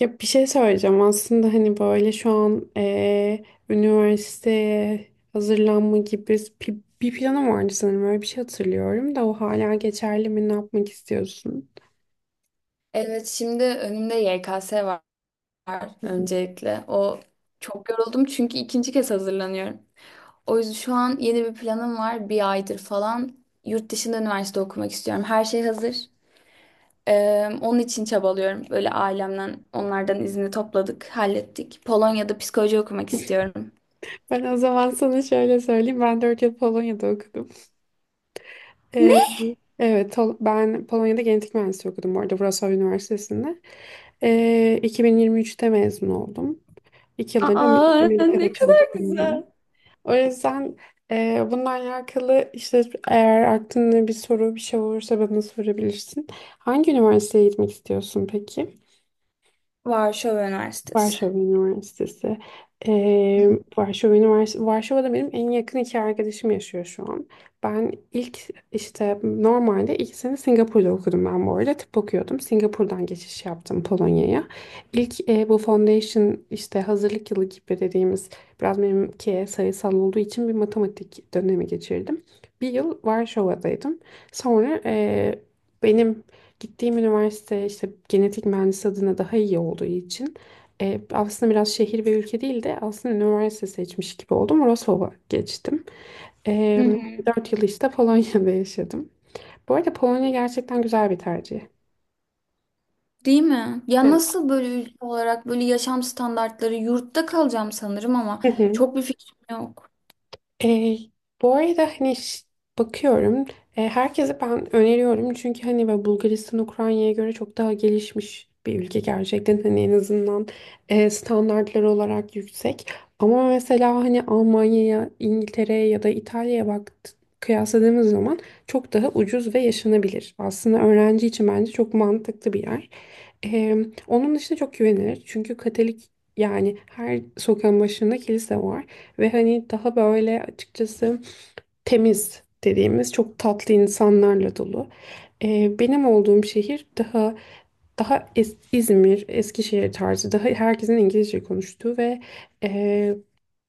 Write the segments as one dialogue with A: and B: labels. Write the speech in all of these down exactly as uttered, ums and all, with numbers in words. A: Ya bir şey söyleyeceğim aslında hani böyle şu an eee, üniversiteye hazırlanma gibi bir, bir planım vardı sanırım öyle bir şey hatırlıyorum da o hala geçerli mi ne yapmak istiyorsun?
B: Evet, şimdi önümde Y K S var
A: Hı hı.
B: öncelikle. O çok yoruldum çünkü ikinci kez hazırlanıyorum. O yüzden şu an yeni bir planım var. Bir aydır falan yurt dışında üniversite okumak istiyorum. Her şey hazır. Ee, onun için çabalıyorum. Böyle ailemden onlardan izni topladık, hallettik. Polonya'da psikoloji okumak istiyorum.
A: Ben o zaman sana şöyle söyleyeyim ben dört yıl Polonya'da okudum. Eee,
B: Ne?
A: evet Tol- ben Polonya'da genetik mühendisliği okudum bu arada Wrocław Üniversitesi'nde. Eee iki bin yirmi üçte mezun oldum. İki yıldır da Am-
B: Aa, ne
A: Amerika'da
B: kadar
A: çalışıyorum.
B: güzel.
A: O yüzden e, bununla alakalı işte eğer aklında bir soru bir şey olursa bana sorabilirsin. Hangi üniversiteye gitmek istiyorsun peki?
B: Varşova Üniversitesi.
A: Varşova Üniversitesi.
B: Hı
A: Ee, Varşova Üniversitesi. Varşova'da benim en yakın iki arkadaşım yaşıyor şu an. Ben ilk işte normalde iki sene Singapur'da okudum ben bu arada. Tıp okuyordum. Singapur'dan geçiş yaptım Polonya'ya. İlk e, bu foundation işte hazırlık yılı gibi dediğimiz biraz benimki sayısal olduğu için bir matematik dönemi geçirdim. Bir yıl Varşova'daydım. Sonra e, benim gittiğim üniversite işte genetik mühendisi adına daha iyi olduğu için e, aslında biraz şehir ve ülke değil de aslında üniversite seçmiş gibi oldum. Wrocław'a geçtim. E,
B: hı.
A: dört yıl işte Polonya'da yaşadım. Bu arada Polonya gerçekten güzel bir tercih.
B: Değil mi? Ya
A: Evet.
B: nasıl böyle, ülke olarak böyle yaşam standartları, yurtta kalacağım sanırım ama çok bir fikrim yok.
A: E, bu arada hani ş- bakıyorum, e, herkese ben öneriyorum çünkü hani ve Bulgaristan Ukrayna'ya göre çok daha gelişmiş bir ülke gerçekten hani en azından e, standartları olarak yüksek ama mesela hani Almanya'ya İngiltere'ye ya da İtalya'ya bakt kıyasladığımız zaman çok daha ucuz ve yaşanabilir. Aslında öğrenci için bence çok mantıklı bir yer. Eee, Onun dışında çok güvenilir. Çünkü Katolik, yani her sokağın başında kilise var. Ve hani daha böyle açıkçası temiz dediğimiz çok tatlı insanlarla dolu. Eee, benim olduğum şehir daha daha es- İzmir, Eskişehir tarzı, daha herkesin İngilizce konuştuğu ve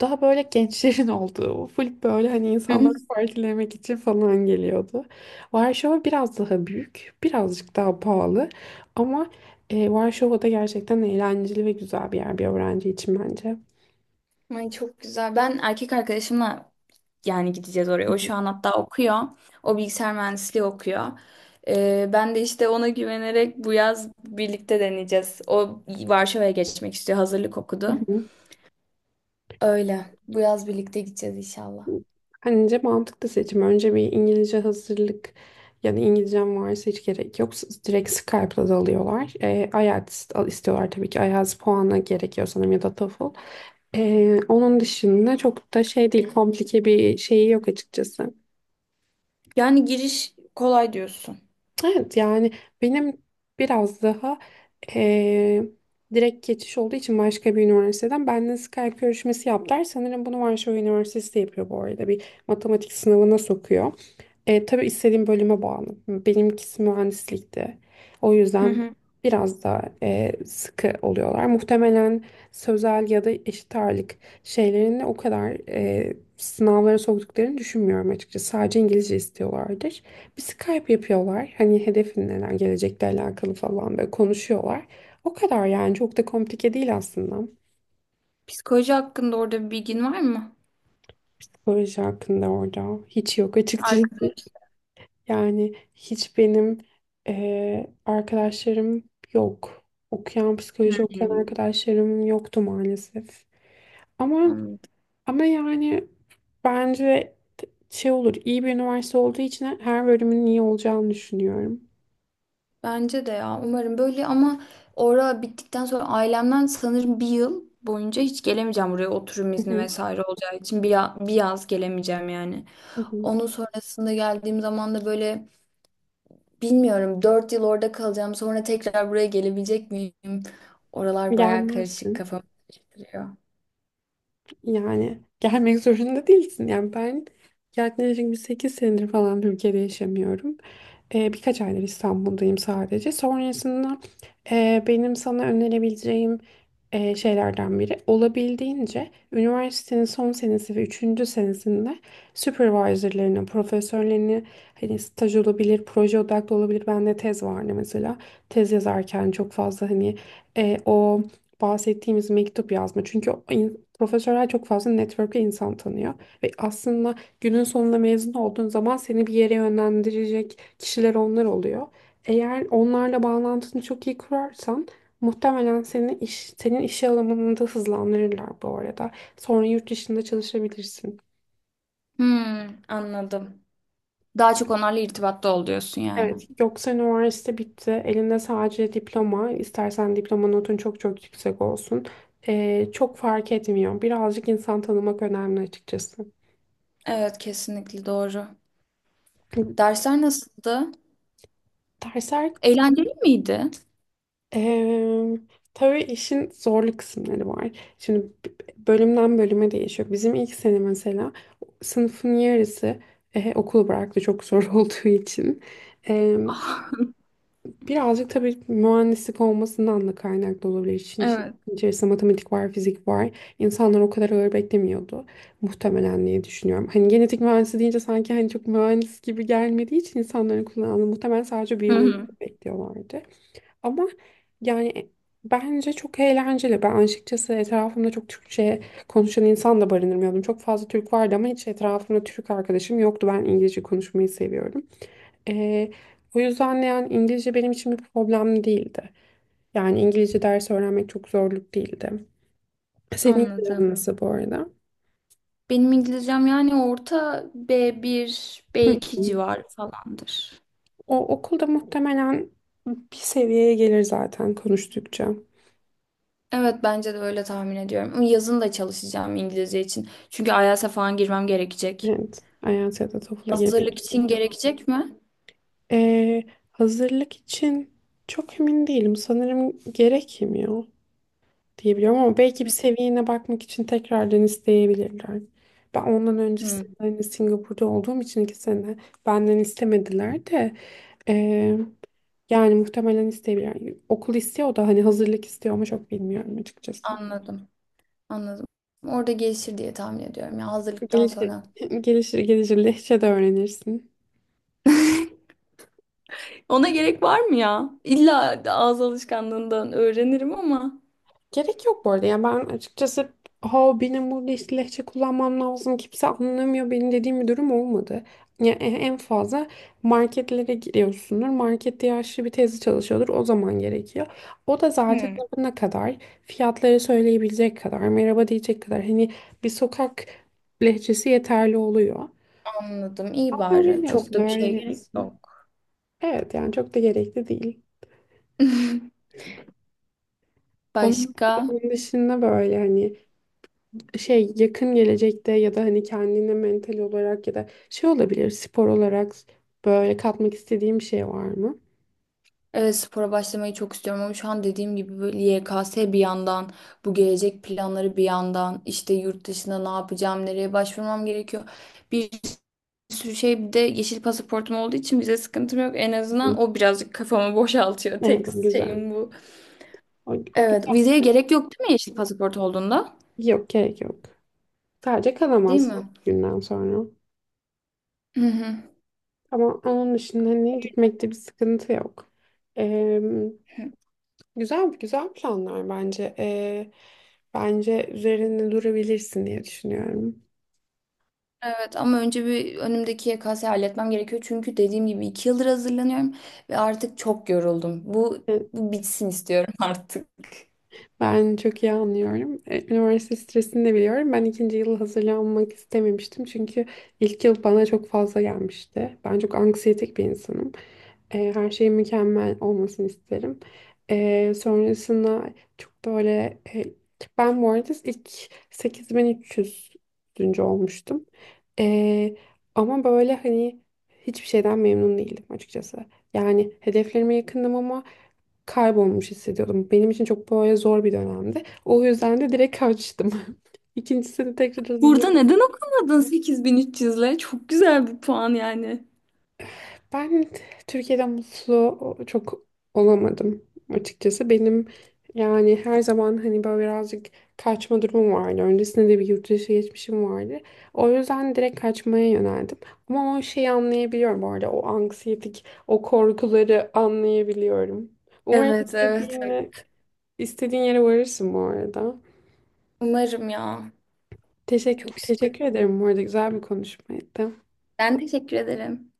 A: daha böyle gençlerin olduğu, full böyle hani
B: Hı.
A: insanları partilemek için falan geliyordu. Varşova biraz daha büyük, birazcık daha pahalı ama e, Varşova da gerçekten eğlenceli ve güzel bir yer bir öğrenci için bence.
B: Ay çok güzel. Ben erkek arkadaşımla yani gideceğiz oraya. O şu an hatta okuyor. O bilgisayar mühendisliği okuyor. Ee, ben de işte ona güvenerek bu yaz birlikte deneyeceğiz. O Varşova'ya geçmek istiyor. Hazırlık
A: Hı
B: okudu.
A: hı.
B: Öyle. Bu yaz birlikte gideceğiz inşallah.
A: Bence mantıklı seçim. Önce bir İngilizce hazırlık, yani İngilizcem varsa hiç gerek yok. S- Direkt Skype'la da alıyorlar. E, IELTS al- istiyorlar tabii ki. IELTS puanı gerekiyor sanırım ya da TOEFL. E, onun dışında çok da şey değil, komplike bir şeyi yok açıkçası.
B: Yani giriş kolay diyorsun.
A: Evet yani benim biraz daha, e, direkt geçiş olduğu için başka bir üniversiteden benimle Skype görüşmesi yaptılar. Sanırım bunu Varşova Üniversitesi de yapıyor bu arada. Bir matematik sınavına sokuyor. E, tabii istediğim bölüme bağlı. Benimkisi mühendislikti. O
B: Hı
A: yüzden
B: hı.
A: biraz daha e, sıkı oluyorlar. Muhtemelen sözel ya da eşit ağırlık şeylerini o kadar, e, sınavlara soktuklarını düşünmüyorum açıkçası. Sadece İngilizce istiyorlardır. Bir Skype yapıyorlar. Hani hedefin neler, gelecekle alakalı falan böyle konuşuyorlar. O kadar, yani çok da komplike değil aslında.
B: Psikoloji hakkında orada bir bilgin var mı?
A: Proje hakkında orada hiç yok açıkçası.
B: Arkadaş.
A: Yani hiç benim eee, arkadaşlarım yok. Okuyan,
B: Hı
A: psikoloji okuyan
B: hı.
A: arkadaşlarım yoktu maalesef. Ama
B: Anladım.
A: ama yani bence şey olur, iyi bir üniversite olduğu için her bölümün iyi olacağını düşünüyorum.
B: Bence de ya, umarım böyle ama orada bittikten sonra ailemden sanırım bir yıl boyunca hiç gelemeyeceğim buraya, oturum
A: Hı
B: izni
A: hı,
B: vesaire olacağı için bir, ya- bir yaz gelemeyeceğim yani.
A: hı hı.
B: Onun sonrasında geldiğim zaman da böyle bilmiyorum, dört yıl orada kalacağım, sonra tekrar buraya gelebilecek miyim? Oralar bayağı karışık,
A: Gelmezsin.
B: kafamı karıştırıyor.
A: Yani gelmek zorunda değilsin. Yani ben yaklaşık bir sekiz senedir falan Türkiye'de yaşamıyorum. Ee, birkaç aydır İstanbul'dayım sadece. Sonrasında e, benim sana önerebileceğim e, şeylerden biri olabildiğince üniversitenin son senesi ve üçüncü senesinde supervisorlarını, profesörlerini hani staj olabilir, proje odaklı olabilir. Bende tez vardı mesela. Tez yazarken çok fazla hani e, o bahsettiğimiz mektup yazma. Çünkü profesörler çok fazla network'e insan tanıyor ve aslında günün sonunda mezun olduğun zaman seni bir yere yönlendirecek kişiler onlar oluyor. Eğer onlarla bağlantını çok iyi kurarsan muhtemelen seni iş, senin iş alanında hızlandırırlar bu arada. Sonra yurt dışında çalışabilirsin.
B: Hmm, anladım. Daha çok onlarla irtibatta ol diyorsun yani.
A: Evet, yoksa üniversite bitti. Elinde sadece diploma. İstersen diploma notun çok çok yüksek olsun. Ee, çok fark etmiyor. Birazcık insan tanımak önemli açıkçası.
B: Evet, kesinlikle doğru. Dersler nasıldı?
A: Dersler
B: Eğlenceli miydi?
A: Eee tabii işin zorlu kısımları var. Şimdi b- bölümden bölüme değişiyor. Bizim ilk sene mesela sınıfın yarısı eh, okulu bıraktı çok zor olduğu için. Eee, birazcık tabii mühendislik olmasından da kaynaklı olabilir. İşin işin
B: Evet.
A: içerisinde matematik var, fizik var. İnsanlar o kadar ağır beklemiyordu. Muhtemelen diye düşünüyorum. Hani genetik mühendisi deyince sanki hani çok mühendis gibi gelmediği için insanların kullandığı muhtemelen sadece
B: Hı
A: biyoloji
B: hı.
A: bekliyorlardı. Ama yani e, bence çok eğlenceli. Ben açıkçası etrafımda çok Türkçe konuşan insan da barındırmıyordum. Çok fazla Türk vardı ama hiç etrafımda Türk arkadaşım yoktu. Ben İngilizce konuşmayı seviyorum. Ee, o yüzden de yani İngilizce benim için bir problem değildi. Yani İngilizce ders öğrenmek çok zorluk değildi. Senin planın
B: Anladım.
A: nasıl bu arada?
B: Benim İngilizcem yani orta B bir,
A: Hı
B: B iki
A: hı.
B: civarı falandır.
A: O okulda muhtemelen bir seviyeye gelir zaten konuştukça.
B: Evet, bence de öyle tahmin ediyorum. Ama yazın da çalışacağım İngilizce için. Çünkü IELTS'e falan girmem gerekecek.
A: Evet, IELTS ya da TOEFL'a girmek
B: Hazırlık için
A: gerekiyor.
B: gerekecek mi?
A: Ee, hazırlık için çok emin değilim. Sanırım gerekmiyor diye biliyorum ama belki bir seviyene bakmak için tekrardan isteyebilirler. Ben ondan
B: Hı,
A: öncesinde hani Singapur'da olduğum için iki sene benden istemediler de, ee, yani muhtemelen isteyebilirler. Yani okul istiyor da hani hazırlık istiyor ama çok bilmiyorum açıkçası.
B: anladım. Anladım. Orada gelişir diye tahmin ediyorum ya, hazırlıktan
A: Gelişir,
B: sonra.
A: gelişir, gelişir. Lehçe de öğrenirsin.
B: Ona gerek var mı ya? İlla ağız alışkanlığından öğrenirim ama.
A: Gerek yok bu arada. Yani ben açıkçası ha benim burada işte lehçe kullanmam lazım. Kimse anlamıyor beni dediğim bir durum olmadı. Yani e- en fazla marketlere giriyorsundur. Markette yaşlı bir teyze çalışıyordur. O zaman gerekiyor. O da zaten
B: Hmm.
A: ne kadar fiyatları söyleyebilecek kadar, merhaba diyecek kadar hani bir sokak lehçesi yeterli oluyor.
B: Anladım. İyi
A: Ama
B: bari. Çok
A: öğreniyorsun,
B: da bir şey gerek
A: öğreniyorsun.
B: yok.
A: Evet yani çok da gerekli değil. Onun,
B: Başka?
A: onun dışında böyle hani şey yakın gelecekte ya da hani kendine mental olarak ya da şey olabilir spor olarak böyle katmak istediğim bir şey var mı?
B: Evet, spora başlamayı çok istiyorum ama şu an dediğim gibi böyle, Y K S bir yandan, bu gelecek planları bir yandan, işte yurt dışında ne yapacağım, nereye başvurmam gerekiyor. Bir sürü şey, bir de yeşil pasaportum olduğu için vize sıkıntım yok. En
A: Hı.
B: azından o birazcık kafamı boşaltıyor. Tek
A: Evet o güzel.
B: şeyim bu.
A: O, o
B: Evet,
A: güzel.
B: vizeye gerek yok değil mi yeşil pasaport olduğunda?
A: Yok gerek yok. Sadece
B: Değil
A: kalamazsın
B: mi?
A: o günden sonra.
B: Hı hı.
A: Ama onun dışında hani gitmekte bir sıkıntı yok. Ee, güzel güzel planlar bence. Bence üzerinde durabilirsin diye düşünüyorum.
B: Evet ama önce bir önümdeki Y K S'yi halletmem gerekiyor. Çünkü dediğim gibi iki yıldır hazırlanıyorum ve artık çok yoruldum. Bu,
A: Evet,
B: bu bitsin istiyorum artık.
A: ben çok iyi anlıyorum. E, Üniversite stresini de biliyorum. Ben ikinci yıl hazırlanmak istememiştim. Çünkü ilk yıl bana çok fazla gelmişti. Ben çok anksiyetik bir insanım. E, her şeyin mükemmel olmasını isterim. E, sonrasında çok böyle e, ben bu arada ilk sekiz bin üç yüz. olmuştum. E, ama böyle hani hiçbir şeyden memnun değildim açıkçası. Yani hedeflerime yakındım ama kaybolmuş hissediyordum. Benim için çok böyle zor bir dönemdi. O yüzden de direkt kaçtım. İkincisini tekrar
B: Burada neden okumadın sekiz bin üç yüzle? Çok güzel bir puan yani.
A: Ben Türkiye'de mutlu çok olamadım açıkçası. Benim yani her zaman hani böyle birazcık kaçma durumum vardı. Öncesinde de bir yurt dışı geçmişim vardı. O yüzden direkt kaçmaya yöneldim. Ama o şeyi anlayabiliyorum bu arada. O anksiyetik, o korkuları anlayabiliyorum. Umarım
B: Evet, evet,
A: istediğine,
B: evet.
A: istediğin yere varırsın bu arada.
B: Umarım ya.
A: Teşekkür,
B: Çok istiyorum.
A: teşekkür ederim bu arada. Güzel bir konuşmaydı.
B: Ben teşekkür ederim.